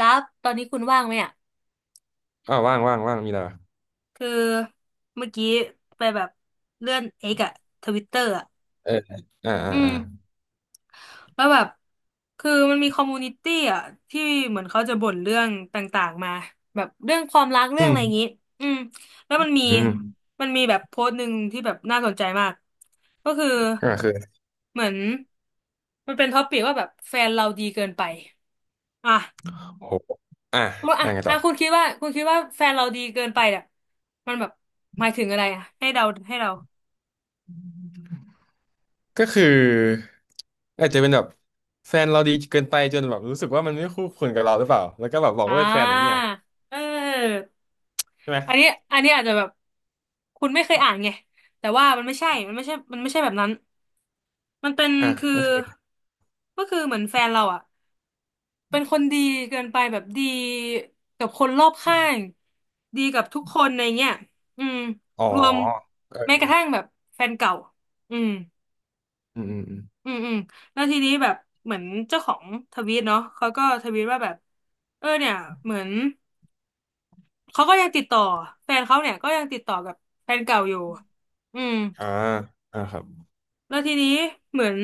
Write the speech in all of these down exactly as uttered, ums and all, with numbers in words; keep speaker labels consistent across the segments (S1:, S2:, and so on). S1: ดับตอนนี้คุณว่างไหมอ่ะ
S2: อ้าวว่างว่างว่างมีอะไรวะ
S1: คือเมื่อกี้ไปแบบเลื่อนเอกอะทวิตเตอร์อะ
S2: เอออ่าอ่า
S1: อืม
S2: อ่า
S1: แล้วแบบคือมันมีคอมมูนิตี้อะที่เหมือนเขาจะบ่นเรื่องต่างๆมาแบบเรื่องความรักเรื่
S2: อื
S1: องอะไรอย่างงี้
S2: ม
S1: อืมแล้วมันมี
S2: อืม
S1: มันมีแบบโพสต์หนึ่งที่แบบน่าสนใจมากก็คือ
S2: ก็คือ
S1: เหมือนมันเป็นท็อปิกว่าแบบแฟนเราดีเกินไปอ่ะ
S2: โอ้โหอ่ะ
S1: ว่า
S2: อ่ะ
S1: อ่ะ
S2: ไง
S1: อ่ะ
S2: ต่อ
S1: คุณคิดว่าคุณคิดว่าแฟนเราดีเกินไปอ่ะมันแบบหมายถึงอะไรอ่ะให้เราให้เรา
S2: ก็คืออาจจะเป็นแบบแฟนเราดีเกินไปจนแบบรู้สึกว่ามันไม่คู่ควรกับเราหรือเปล่าแล้วก็แบบบอก
S1: อ่
S2: เลิกแฟนอย่างเงี้
S1: า
S2: ย
S1: เออ
S2: ใช่ไหม
S1: อันนี้อันนี้อาจจะแบบคุณไม่เคยอ่านไงแต่ว่ามันไม่ใช่มันไม่ใช่มันไม่ใช่แบบนั้นมันเป็น
S2: อ่
S1: คือ
S2: ะ
S1: ก็คือเหมือนแฟนเราอ่ะเป็นคนดีเกินไปแบบดีกับคนรอบข้างดีกับทุกคนในเงี้ยอืม
S2: อ๋อ
S1: รวม
S2: เอ
S1: แม้ก
S2: อ
S1: ระทั่งแบบแฟนเก่าอืม
S2: อืมอืมอม
S1: อืมอืมแล้วทีนี้แบบเหมือนเจ้าของทวีตเนาะเขาก็ทวีตว่าแบบเออเนี่ยเหมือนเขาก็ยังติดต่อแฟนเขาเนี่ยก็ยังติดต่อกับแฟนเก่าอยู่อืม
S2: อ่าอ่าครับ
S1: แล้วทีนี้เหมือน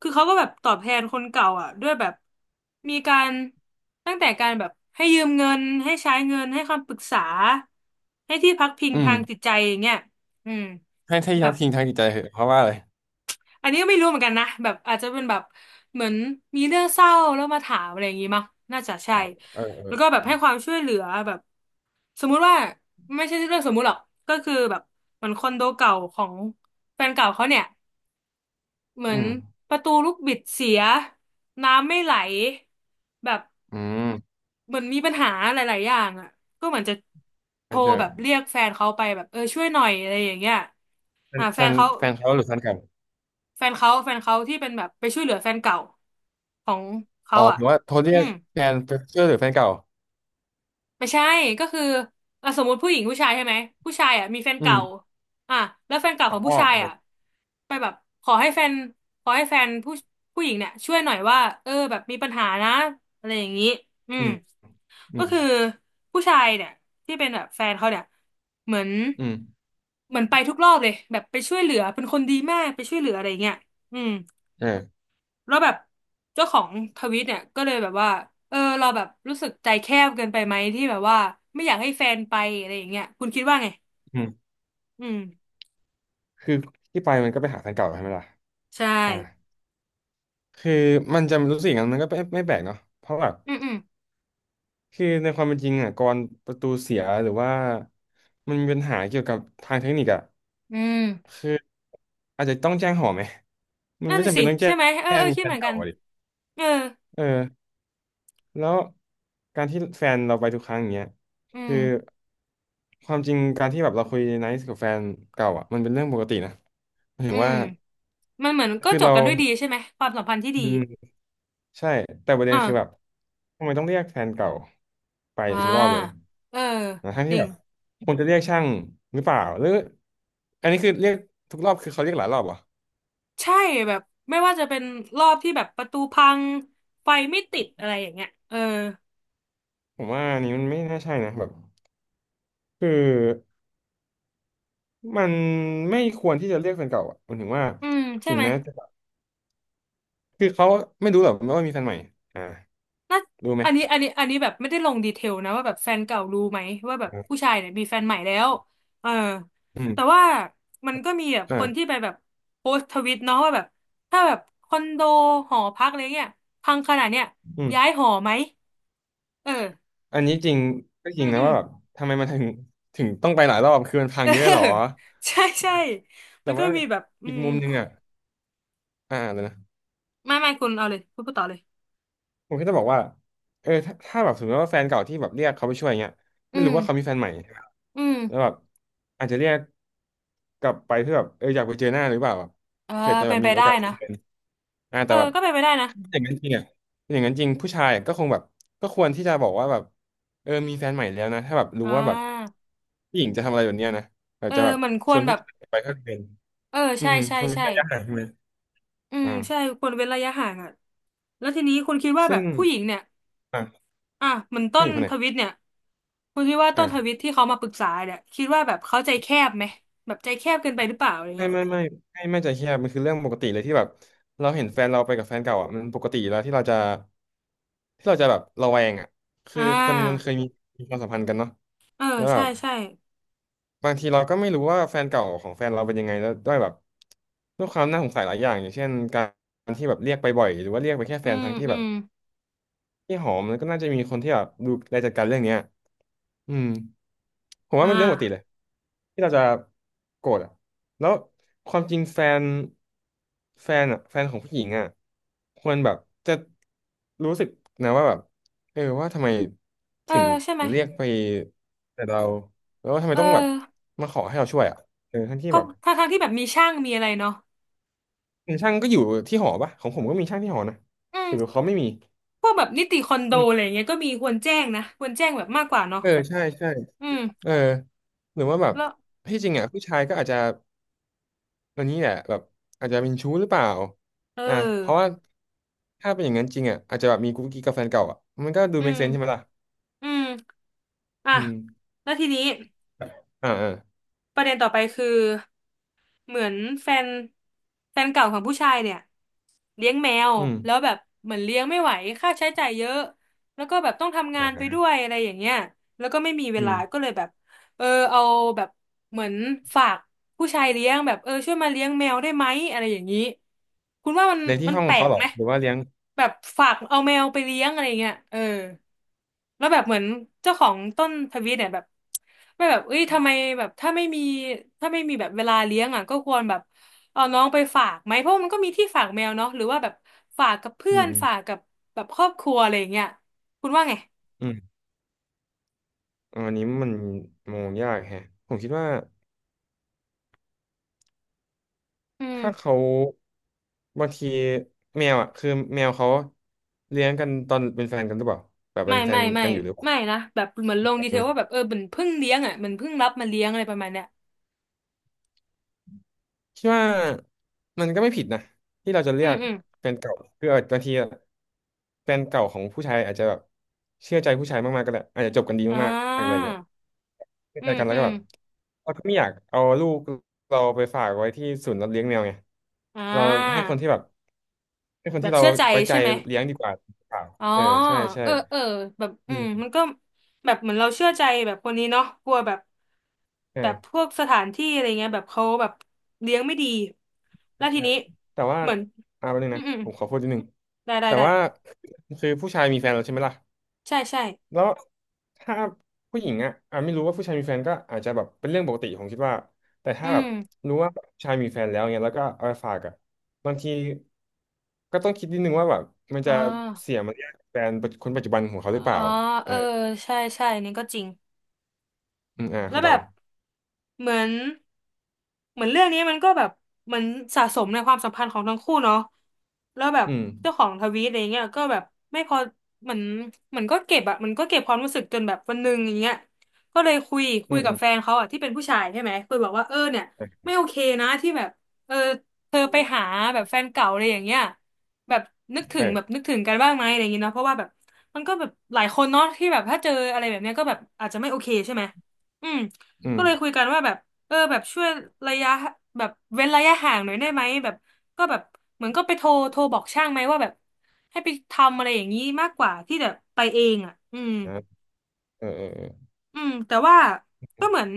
S1: คือเขาก็แบบตอบแทนคนเก่าอ่ะด้วยแบบมีการตั้งแต่การแบบให้ยืมเงินให้ใช้เงินให้คำปรึกษาให้ที่พักพิง
S2: อืม
S1: ทางจิตใจอย่างเงี้ยอืม
S2: ให้ใี้
S1: แบ
S2: ยัก
S1: บ
S2: ทิ้งทางจิตใจเหอะเพราะว่าอะไร
S1: อันนี้ก็ไม่รู้เหมือนกันนะแบบอาจจะเป็นแบบเหมือนมีเรื่องเศร้าแล้วมาถามอะไรอย่างงี้มั้งน่าจะ
S2: อ๋
S1: ใช่
S2: อเออเออ
S1: แล้วก็แบบ
S2: อื
S1: ให้ความช่วยเหลือแบบสมมุติว่าไม่ใช่เรื่องสมมุติหรอกก็คือแบบเหมือนคอนโดเก่าของแฟนเก่าเขาเนี่ยเหมือ
S2: ม
S1: นประตูลูกบิดเสียน้ำไม่ไหลแบบ
S2: อืม
S1: เหมือนมีปัญหาหลายๆอย่างอ่ะก็เหมือนจะโท
S2: ใช่
S1: ร
S2: ใช่
S1: แบบเรียกแฟนเขาไปแบบเออช่วยหน่อยอะไรอย่างเงี้ย
S2: แฟ
S1: อ่า
S2: นแฟ
S1: แฟน
S2: น
S1: เขา
S2: แฟนเขาหรือแฟนเก่า
S1: แฟนเขาแฟนเขาที่เป็นแบบไปช่วยเหลือแฟนเก่าของเขา
S2: อ๋อห
S1: อ่ะ
S2: รือว่าโทรเรี
S1: อื
S2: ยก
S1: ม
S2: แฟนเพื่อนหรือแฟนเก่า
S1: ไม่ใช่ก็คืออ่ะสมมุติผู้หญิงผู้ชายใช่ไหมผู้ชายอ่ะมีแฟน
S2: อื
S1: เก่า
S2: ม
S1: อ่ะแล้วแฟนเก่าข
S2: อ๋
S1: องผู้
S2: อ
S1: ชายอ่ะไปแบบขอให้แฟนขอให้แฟนผู้ผู้หญิงเนี่ยช่วยหน่อยว่าเออแบบมีปัญหานะอะไรอย่างนี้อื
S2: อื
S1: ม
S2: มอื
S1: ก็
S2: ม
S1: คือผู้ชายเนี่ยที่เป็นแบบแฟนเขาเนี่ยเหมือน
S2: อืม
S1: เหมือนไปทุกรอบเลยแบบไปช่วยเหลือเป็นคนดีมากไปช่วยเหลืออะไรอย่างเงี้ยอืม
S2: เออ
S1: แล้วแบบเจ้าของทวิตเนี่ยก็เลยแบบว่าเออเราแบบรู้สึกใจแคบเกินไปไหมที่แบบว่าไม่อยากให้แฟนไปอะไรอย่างเงี้ยคุณคิดว่าไง
S2: อืม
S1: อืม
S2: คือที่ไปมันก็ไปหาแฟนเก่าใช่ไหมล่ะ
S1: ใช่
S2: อ่าคือมันจะรู้สึกอย่างนั้นมันก็ไม่ไม่แปลกเนาะเพราะแบบ
S1: อืมอืม
S2: คือในความเป็นจริงอ่ะกรประตูเสียหรือว่ามันมีปัญหาเกี่ยวกับทางเทคนิคอ่ะ
S1: อืม
S2: คืออาจจะต้องแจ้งหอไหมมัน
S1: นั่น
S2: ไม่
S1: น่ะ
S2: จำ
S1: สิ
S2: เป็นต้องแจ้
S1: ใช่ไหมเออเอ
S2: ง
S1: อคิด
S2: แฟ
S1: เห
S2: น
S1: มือนกั
S2: เก่า
S1: น
S2: อะดิ
S1: เออ
S2: เออแล้วการที่แฟนเราไปทุกครั้งอย่างเงี้ย
S1: อื
S2: คื
S1: ม
S2: อความจริงการที่แบบเราคุยไนซ์กับแฟนเก่าอ่ะมันเป็นเรื่องปกตินะหมายถึ
S1: อื
S2: ง
S1: ม
S2: ว่า
S1: มันเหมือนก็
S2: คือ
S1: จบ
S2: เรา
S1: กันด้วยดีใช่ไหมความสัมพันธ์ที่ดี
S2: อืมใช่แต่ประเด็
S1: อ่า
S2: นคือแบบทำไมต้องเรียกแฟนเก่าไป
S1: อ่า
S2: ทุกรอบเลย
S1: เออ
S2: นะทั้ง
S1: จ
S2: ที่
S1: ริ
S2: แบ
S1: ง
S2: บควรจะเรียกช่างหรือเปล่าหรืออันนี้คือเรียกทุกรอบคือเขาเรียกหลายรอบเหรอ
S1: ใช่แบบไม่ว่าจะเป็นรอบที่แบบประตูพังไฟไม่ติดอะไรอย่างเงี้ยเออ
S2: ผมว่าอันนี้มันไม่น่าใช่นะแบบคือมันไม่ควรที่จะเรียกแฟนเก่าอ่ะมันถึงว่า
S1: อืมใช่
S2: ถึง
S1: ไหม
S2: แม้จะแบบคือเขาไม่รู้หรอกว่ามีแฟนใหม่อ่า
S1: น่า
S2: รู้ไหม
S1: อันนี้อันนี้อันนี้แบบไม่ได้ลงดีเทลนะ ว่าแบบแฟนเก่ารู้ไหมว่าแบบผู้ชายเนี่ยมีแฟนใหม่แล้วเออ
S2: อืม
S1: แต่ว่ามันก็มีแบบคนที่
S2: อ่า
S1: ไป แบบโพสต์ทวิตเนาะว่าแบบถ้าแบบคอนโดหอพักอะไรเงี้ยพังขนาดเนี้ย
S2: อื
S1: ย้าย
S2: ม
S1: หอไหมเออ
S2: อันนี้จริงก็จ
S1: อื
S2: ริง
S1: มอื
S2: นะ
S1: ม
S2: ว่าแบบทำไมมันถึงถึงต้องไปหลายรอบคือมันพัง
S1: เออ
S2: เยอะหรอ
S1: ใช่ใช่มั
S2: แต่
S1: นก็
S2: ว่า
S1: มีแบบอื
S2: อีก
S1: ม
S2: มุมหนึ่งอ่ะ อ่าเดี๋ยวนะ
S1: ไม่ไม่คุณเอาเลยคุณพูดต่อเลย
S2: ผมแค่จะบอกว่าเออถ้าถ้าแบบสมมติว่าแฟนเก่าที่แบบเรียกเขาไปช่วยเงี้ย
S1: อื
S2: ไม่รู้
S1: ม
S2: ว่าเขามีแฟนใหม่
S1: อื
S2: แล้วแบ
S1: ม
S2: บอาจจะเรียกกลับไปเพื่อแบบเอออยากไปเจอหน้าหรือเปล่าแบบ
S1: เออ
S2: เผื่อจะแบ
S1: เป็
S2: บ
S1: นไป
S2: มีโอ
S1: ได้
S2: กาสได้
S1: นะ
S2: เจออ่า
S1: เอ
S2: แต่
S1: อ
S2: แบบ
S1: ก็เป็นไปได้นะ
S2: ถ้าอย่างนั้นจริงอ่ะถ้าอย่างนั้นจริงผู้ชายก็คงแบบก็ควรที่จะบอกว่าแบบเออมีแฟนใหม่แล้วนะถ้าแบบรู้
S1: อ่
S2: ว่าแบบ
S1: า
S2: ผู้หญิงจะทำอะไรแบบเนี้ยนะอา
S1: เอ
S2: จ
S1: อ
S2: จะแบบ
S1: มันค
S2: ช
S1: วร
S2: วน
S1: แบ
S2: ผู้
S1: บ
S2: ชายไปก็เป็น
S1: เออ
S2: อืม
S1: ใช่
S2: อืม
S1: ใช่
S2: คนเว้น
S1: ใช่
S2: ระยะห่างใช่ไหม
S1: อืมใช่
S2: อ่า
S1: ควรเว้นระยะห่างอ่ะแล้วทีนี้คุณคิดว่าแบ
S2: ซึ่ง
S1: บผู้หญิงเนี่ย
S2: อ่า
S1: อ่ะเหมือนต้
S2: ผู้ห
S1: น
S2: ญิงคนไหน
S1: ทวิตเนี่ยคุณคิดว่าต้
S2: อ่า
S1: นทวิตที่เขามาปรึกษาเนี่ยคิดว่าแบบเขาใจแคบไหมแบบใจแคบเกินไปหรือเปล่าอะไร
S2: ไม่
S1: เงี้ย
S2: ไม่ไม่ไม่ไม่ใจแคบมันคือเรื่องปกติเลยที่แบบเราเห็นแฟนเราไปกับแฟนเก่าอ่ะมันปกติอยู่แล้วที่เราจะที่เราจะแบบระแวงอ่ะ
S1: อ่
S2: คือคนมันเค
S1: า
S2: ยมีมีความสัมพันธ์กันเนาะ
S1: เออ
S2: แล้วแบ
S1: ใช่
S2: บ
S1: ใช่
S2: บางทีเราก็ไม่รู้ว่าแฟนเก่าของแฟนเราเป็นยังไงแล้วด้วยแบบด้วยความน่าสงสัยหลายอย่างอย่างเช่นการที่แบบเรียกไปบ่อยหรือว่าเรียกไปแค่
S1: อื
S2: แฟน
S1: ม
S2: ทั้งที่
S1: อื
S2: แบบ
S1: ม
S2: ที่หอมมันก็น่าจะมีคนที่แบบดูแลจัดการเรื่องเนี้ย อืมผม
S1: อ่
S2: ว่ามันเป็นเรื่องปกติเล
S1: า
S2: ยที่เราจะโกรธอ่ะแล้วความจริงแฟนแฟนอ่ะแฟนของผู้หญิงอ่ะควรแบบจะรู้สึกนะว่าแบบเออว่าทำไม
S1: เออ
S2: ถึง
S1: ใช่ไหม
S2: เรียกไปแต่เราแล้วทำไม
S1: เออ
S2: ต้องแบบมาขอให้เราช่วยอ่ะเออทั้ง
S1: เพ
S2: ที่แบ
S1: ราะ
S2: บ
S1: ทางทางๆที่แบบมีช่างมีอะไรเนาะ
S2: ช่างก็อยู่ที่หอปะของผมก็มีช่างที่หอนะ
S1: อื
S2: หรือ
S1: ม
S2: เขาไม่มี
S1: พวกแบบนิติคอนโด
S2: อื
S1: อะไร
S2: ม
S1: อย่างเงี้ยก็มีควรแจ้งนะควรแจ้งแบบมากกว่าเนาะ
S2: เออใช่ใช่
S1: อืม
S2: เออหรือว่าแบบ
S1: แล้ว
S2: ที่จริงอ่ะผู้ชายก็อาจจะ ตัวนี้เนี่ยแบบอาจจะเป็นชู้หรือเปล่า
S1: เอ
S2: อ่ะเพราะว่า
S1: อ
S2: ถ้าเป็นอย่างนั้นจริงอ่ะอาจจะแบบมีกุ๊กกิ๊กกับแฟนเก่าอ่ะมันก็ดู
S1: อื
S2: make
S1: ม
S2: sense ใช่ไหมล่ะ
S1: อืมอ่ะ
S2: อืม
S1: แล้วทีนี้
S2: อ่าอ่า
S1: ประเด็นต่อไปคือเหมือนแฟนแฟนเก่าของผู้ชายเนี่ยเลี้ยงแมว
S2: อื
S1: แล้ว
S2: ม
S1: แบบเหมือนเลี้ยงไม่ไหวค่าใช้จ่ายเยอะแล้วก็แบบต้องทำงา
S2: อ่
S1: นไป
S2: า
S1: ด้วยอะไรอย่างเงี้ยแล้วก็ไม่มีเว
S2: อื
S1: ลา
S2: ม
S1: ก็เลยแบบเออเอาแบบเหมือนฝากผู้ชายเลี้ยงแบบเออช่วยมาเลี้ยงแมวได้ไหมอะไรอย่างนี้คุณว่ามัน
S2: เรียนที่
S1: มัน
S2: ห้อง
S1: แปล
S2: เขา
S1: ก
S2: เหรอ
S1: ไหม
S2: หรือว่าเลี้ยง
S1: แบบฝากเอาแมวไปเลี้ยงอะไรเงี้ยเออ แล้วแบบเหมือนเจ้าของต้นทวีตเนี่ยแบบไม่แบบเอ้ยทำไมแบบถ้าไม่มีถ้าไม่มีแบบเวลาเลี้ยงอ่ะก็ควรแบบเอาน้องไปฝากไหมเพราะมันก็มีที่ฝากแมวเนาะหรือว่าแบบฝากกับเพื่
S2: อื
S1: อ
S2: ม
S1: น
S2: อืม
S1: ฝากกับแบบครอบครัวอะไรอย่างเงี้ยคุณว่าไง
S2: อืมอะอันนี้มันมองยากแฮะผมคิดว่า
S1: อื
S2: ถ้า
S1: ม
S2: เขาบางทีแมวอ่ะคือแมวเขาเลี้ยงกันตอนเป็นแฟนกันหรือเปล่าแบบเป็
S1: ไม่
S2: นแฟ
S1: ไม่
S2: น
S1: ไม่
S2: กันอยู่หรือเปล่า
S1: ไม่นะแบบเหมือนลงดีเทลว่าแบบเออเหมือนเพิ่งเลี้ยงอ่ะเหมือนเพิ่งรับมาเลี้ยงอะไรประมาณเนี้ย
S2: คิดว่ามันก็ไม่ผิดนะที่เราจะเลื
S1: อื
S2: อ
S1: ม
S2: ก
S1: อืม
S2: แฟนเก่าคือบางทีอะแฟนเก่าของผู้ชายอาจจะแบบเชื่อใจผู้ชายมากๆก็ได้อาจจะจบกันดี
S1: อ่
S2: มากๆอะไร
S1: า
S2: เงี้ยเชื่อ
S1: อื
S2: ใจ
S1: ม
S2: กันแล้
S1: อื
S2: วก็
S1: ม
S2: แบบเราก็ไม่อยากเอาลูกเราไปฝากไว้ที่ศูนย์รับเลี้ยงแมวไง
S1: อ่
S2: เราให้
S1: า
S2: คนที่แบบให้คน
S1: แบ
S2: ที่
S1: บ
S2: เรา
S1: เชื่อใจ
S2: ไว้ใจ
S1: ใช่ไหม
S2: เลี้ยงดีกว่าเปล่า
S1: อ๋อ
S2: เออใช่ใช่
S1: เออเออแบบอื
S2: อื
S1: มมัน
S2: ม
S1: ก็แบบเหมือนเราเชื่อใจแบบคนนี้เนาะกลัวแบบแบบพ
S2: อ่า
S1: วกสถานที่อะไรเงี้ยแบบเขาแบบเลี้ยงไม่ดีแล้วที
S2: ใช่
S1: นี้
S2: แต่ว่า
S1: เหมือน
S2: อ่าแป๊บนึง
S1: อืม
S2: นะ
S1: อืม
S2: ผมขอพูดนิดนึง
S1: ได้ได้
S2: แต่
S1: ได้
S2: ว่าคือผู้ชายมีแฟนแล้วใช่ไหมล่ะ
S1: ใช่ใช่
S2: แล้วถ้าผู้หญิงอ่ะอ่ะไม่รู้ว่าผู้ชายมีแฟนก็อาจจะแบบเป็นเรื่องปกติผมคิดว่าแต่
S1: อื
S2: ถ้าแบบ
S1: ม
S2: รู้ว่าผู้ชายมีแฟนแล้วเงี้ยแล้วก็เอาไปฝากอ่ะบางทีก็ต้องคิดนิดนึงว่าแบบมัน
S1: อ๋อ
S2: จะเสียมารยาทแฟนคนปัจจุบันของเขา
S1: อ๋
S2: ห
S1: อ
S2: รือเปล่าเอ
S1: เอ
S2: อ
S1: อใช่ใช่นี่ก็จริง
S2: อืมอ่า
S1: แล้ว
S2: คำต
S1: แบ
S2: อบ
S1: บ
S2: เลย
S1: เหมือนเหมือนเรื่องนี้มันก็แบบเหมือนสะสมในความสัมพันธ์ของทั้งคู่เนาะแล้วแบบ
S2: อืม
S1: เจ้าของทวีตอะไรเงี้ยก็แบบไม่พอเหมือนเหมือนก็เก็บอะมันก็เก็บความรู้สึกจนแบบวันหนึ่งอย่างเงี้ยก็เลยคุยคุ
S2: อื
S1: ย
S2: ม
S1: กั
S2: อื
S1: บ
S2: ม
S1: แฟนเขาอะที่เป็นผู้ชายใช่ไหมคุยบอกว่าเออเนี่ย
S2: เออ
S1: ไม่โอเคนะที่แบบเออเธอไปหาแบบแฟนเก่าอะไรอย่างเงี้ยแบบนึกถึงแบบ
S2: เออ
S1: นึกถึงกันบ้างไหมอะไรอย่างเงี้ยเนาะเพราะว่าแบบมันก็แบบหลายคนเนาะที่แบบถ้าเจออะไรแบบเนี้ยก็แบบอาจจะไม่โอเคใช่ไหม อืม
S2: อื
S1: ก็
S2: ม
S1: เลยคุยกันว่าแบบเออแบบช่วยระยะแบบเว้นระยะห่างหน่อยได้ไหมแบบก็แบบเหมือนก็ไปโทรโทรบอกช่างไหมว่าแบบให้ไปทำอะไรอย่างนี้มากกว่าที่แบบไปเองอ่ะอืม
S2: นะเออเออเออ
S1: อืมแต่ว่าก็เหมือน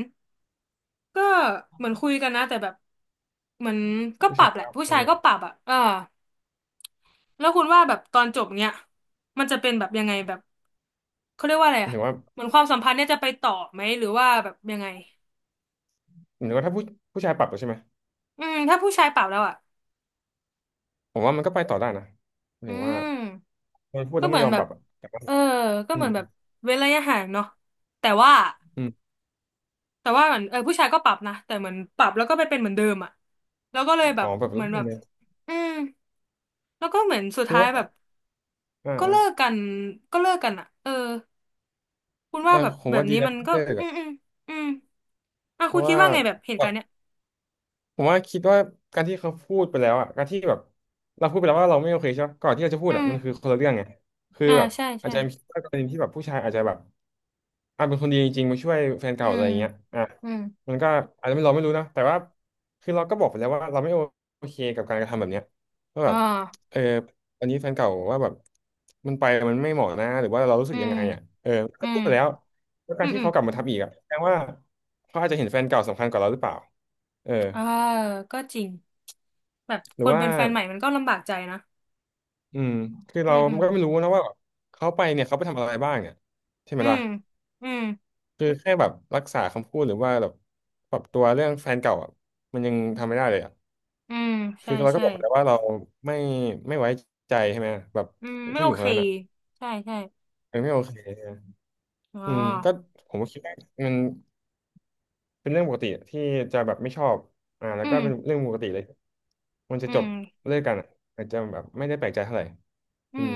S1: ก็เหมือนคุยกันนะแต่แบบเหมือนก็
S2: ผู้
S1: ปรั
S2: ชา
S1: บ
S2: ย
S1: แหละ
S2: ก็
S1: ผู้
S2: อะไร
S1: ชาย
S2: เงี้ย
S1: ก็ปรับอ่ะเออแล้วคุณว่าแบบตอนจบเนี้ยมันจะเป็นแบบยังไงแบบเขาเรียกว่าอะไร
S2: ห
S1: อ่ะ
S2: รือว่า
S1: เหมือนความสัมพันธ์เนี่ยจะไปต่อไหมหรือว่าแบบยังไง
S2: หรือว่าถ้าผู้ผู้ชายปรับแล้วใช่ไหม
S1: อืมถ้าผู้ชายปรับแล้วอ่ะ
S2: ผมว่ามันก็ไปต่อได้นะหมาย
S1: อื
S2: ถึงว่า
S1: ม
S2: มันพูด
S1: ก็
S2: แล้ว
S1: เห
S2: มั
S1: มื
S2: น
S1: อน
S2: ยอม
S1: แบ
S2: ป
S1: บ
S2: รับอะแต่ว่า
S1: เออก็
S2: อื
S1: เหมื
S2: ม
S1: อนแบบเว้นระยะห่างเนาะแต่ว่า
S2: อืม
S1: แต่ว่าเหมือนเออผู้ชายก็ปรับนะแต่เหมือนปรับแล้วก็ไปเป็นเหมือนเดิมอ่ะแล้วก็เลยแบ
S2: อ๋อ
S1: บ
S2: แบบ
S1: เหมื
S2: นั้
S1: อ
S2: น
S1: นแบบ
S2: เลย
S1: อืมแล้วก็เหมือนสุด
S2: คือ
S1: ท้าย
S2: ว่า
S1: แบบ
S2: อ่า
S1: ก็
S2: อ่า
S1: เลิกกันก็เลิกกันอ่ะเออคุณ
S2: เอ
S1: ว่า
S2: อ
S1: แบบ
S2: ผม
S1: แบบ
S2: ว่าดี
S1: นี้
S2: แล้ว
S1: มัน
S2: ที่
S1: ก็
S2: เลิก
S1: อืมอื
S2: อ่ะ
S1: มอืมอ่ะ
S2: เพ
S1: คุณ
S2: ราะ
S1: คิด
S2: ว่า
S1: ว่าไงแบบเห
S2: ก
S1: ตุกา
S2: ว่า
S1: รณ์เนี้ย
S2: ผมว่าคิดว่าการที่เขาพูดไปแล้วอ่ะการที่แบบเราพูดไปแล้วว่าเราไม่โอเคใช่ปะก่อนที่เราจะพู
S1: อื
S2: ดอ่ะ
S1: ม
S2: มันคือคนละเรื่องไงคือ
S1: อ่า
S2: แบบ
S1: ใช่
S2: อาจ
S1: ใช่
S2: จะมีกรณีที่แบบผู้ชายอาจจะแบบอ่ะเป็นคนดีจริงๆมาช่วยแฟน
S1: อื
S2: เก่าอะ
S1: ม
S2: ไรอย่างเงี้ยอ่ะ
S1: อืม
S2: มันก็อาจจะไม่เราไม่รู้นะแต่ว่าคือเราก็บอกไปแล้วว่าเราไม่โอเคกับการกระทำแบบเนี้ยว่าแบ
S1: อ่า
S2: บเอออันนี้แฟนเก่าว่าแบบมันไปมันไม่เหมาะนะหรือว่าเรารู้สึ
S1: อื
S2: กยัง
S1: ม
S2: ไงอ่ะเออก็
S1: อื
S2: พู
S1: ม
S2: ดไปแล้วแล้ว
S1: อื
S2: การ
S1: ม
S2: ที่
S1: อืม
S2: เขากลับมาทำอีกอ่ะแสดงว่าเขาอาจจะเห็นแฟนเก่าสำคัญกว่าเราหรือเปล่าเออ
S1: อ่าก็จริงแบบ
S2: ห
S1: ค
S2: รือ
S1: น
S2: ว่า
S1: เป็นแฟนใหม่มันก็ลำบากใจนะ
S2: อืมคือ
S1: อื
S2: เรา
S1: มอืม
S2: ก็ไม่รู้นะว่าแเขาไปเนี่ยเขาไปทำอะไรบ้างเนี่ยใช่ไหม
S1: อื
S2: ล่ะ
S1: มอืม
S2: คือแค่แบบรักษาคำพูดหรือว่าแบบปรับตัวเรื่องแฟนเก่าอ่ะมันยังทำไม่ได้เลยอ่ะ
S1: อืม
S2: คื
S1: ใช่
S2: อเราก็
S1: ใช่
S2: บอกไปแล้วว่าเราไม่ไม่ไว้ใจใช่ไหมแบบ
S1: อืมไม่
S2: ผู้ห
S1: โอ
S2: ญิงค
S1: เค
S2: นนั้นอ่ะ
S1: ใช่ใช่
S2: มันไม่โอเค
S1: อ๋อ
S2: อืมก็ผมก็คิดว่ามันเป็นเรื่องปกติที่จะแบบไม่ชอบอ่าแล้
S1: อื
S2: วก็
S1: ม
S2: เป็นเรื่องปกติเลยมันจะ
S1: อื
S2: จบ
S1: ม
S2: เลิกกันอะอาจจะแบบไม่ได้แปลกใจเท่าไหร่
S1: อื
S2: อื
S1: ม
S2: ม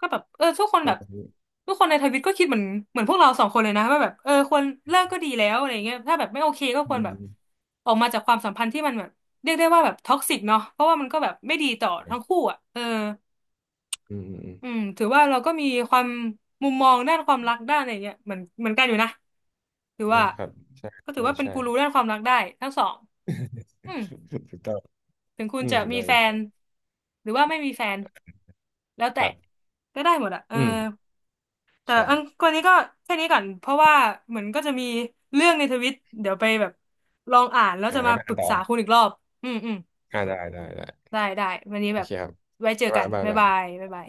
S1: ก็แบบเออทุกคน
S2: ป
S1: แบ
S2: ระ
S1: บ
S2: มาณนี้
S1: ทุกคนในทวิตก็คิดเหมือนเหมือนพวกเราสองคนเลยนะว่าแบบเออควรเลิกก็ดีแล้วอะไรเงี้ยถ้าแบบไม่โอเคก็ค
S2: อื
S1: วรแบบ
S2: ม
S1: ออกมาจากความสัมพันธ์ที่มันแบบเรียกได้ว่าแบบท็อกซิกเนาะเพราะว่ามันก็แบบไม่ดีต่อทั้งคู่อ่ะเออ
S2: อืมอืมอืม
S1: อืมถือว่าเราก็มีความมุมมองด้านความรักด้านอะไรเงี้ยเหมือนเหมือนกันอยู่นะถือว่า
S2: นะครับใช่
S1: ก็ถือ
S2: ใช่
S1: ว่า เป็น
S2: ใช่
S1: กูรูด้านความรักได้ทั้งสองอืม
S2: ถูกต้อง
S1: ถึงคุณ
S2: อืม
S1: จะ
S2: ถูก
S1: มี
S2: ต้อง
S1: แฟ
S2: ถูกต้
S1: น
S2: อง
S1: หรือว่าไม่มีแฟนแล้ว
S2: ค
S1: แต่
S2: รับ
S1: ก็ได้หมดอะเออ
S2: อืม
S1: แต่อัน
S2: ใช่
S1: คนนี้ก็แค่นี้ก่อนเพราะว่าเหมือนก็จะมีเรื่องในทวิตเดี๋ยวไปแบบลองอ่านแล้ว
S2: อ่า
S1: จะมา
S2: ไป
S1: ป
S2: อ่าน
S1: รึก
S2: ต่อ
S1: ษาคุณอีกรอบอืมอืม
S2: อ่าได้ได้ได้
S1: ได้ได้วันนี้
S2: โอ
S1: แบบ
S2: เคครับ
S1: ไว้เจอ
S2: บ๊า
S1: กั
S2: ย
S1: น
S2: บาย
S1: บ๊าย
S2: บ๊าย
S1: บา
S2: บาย
S1: ยบ๊ายบาย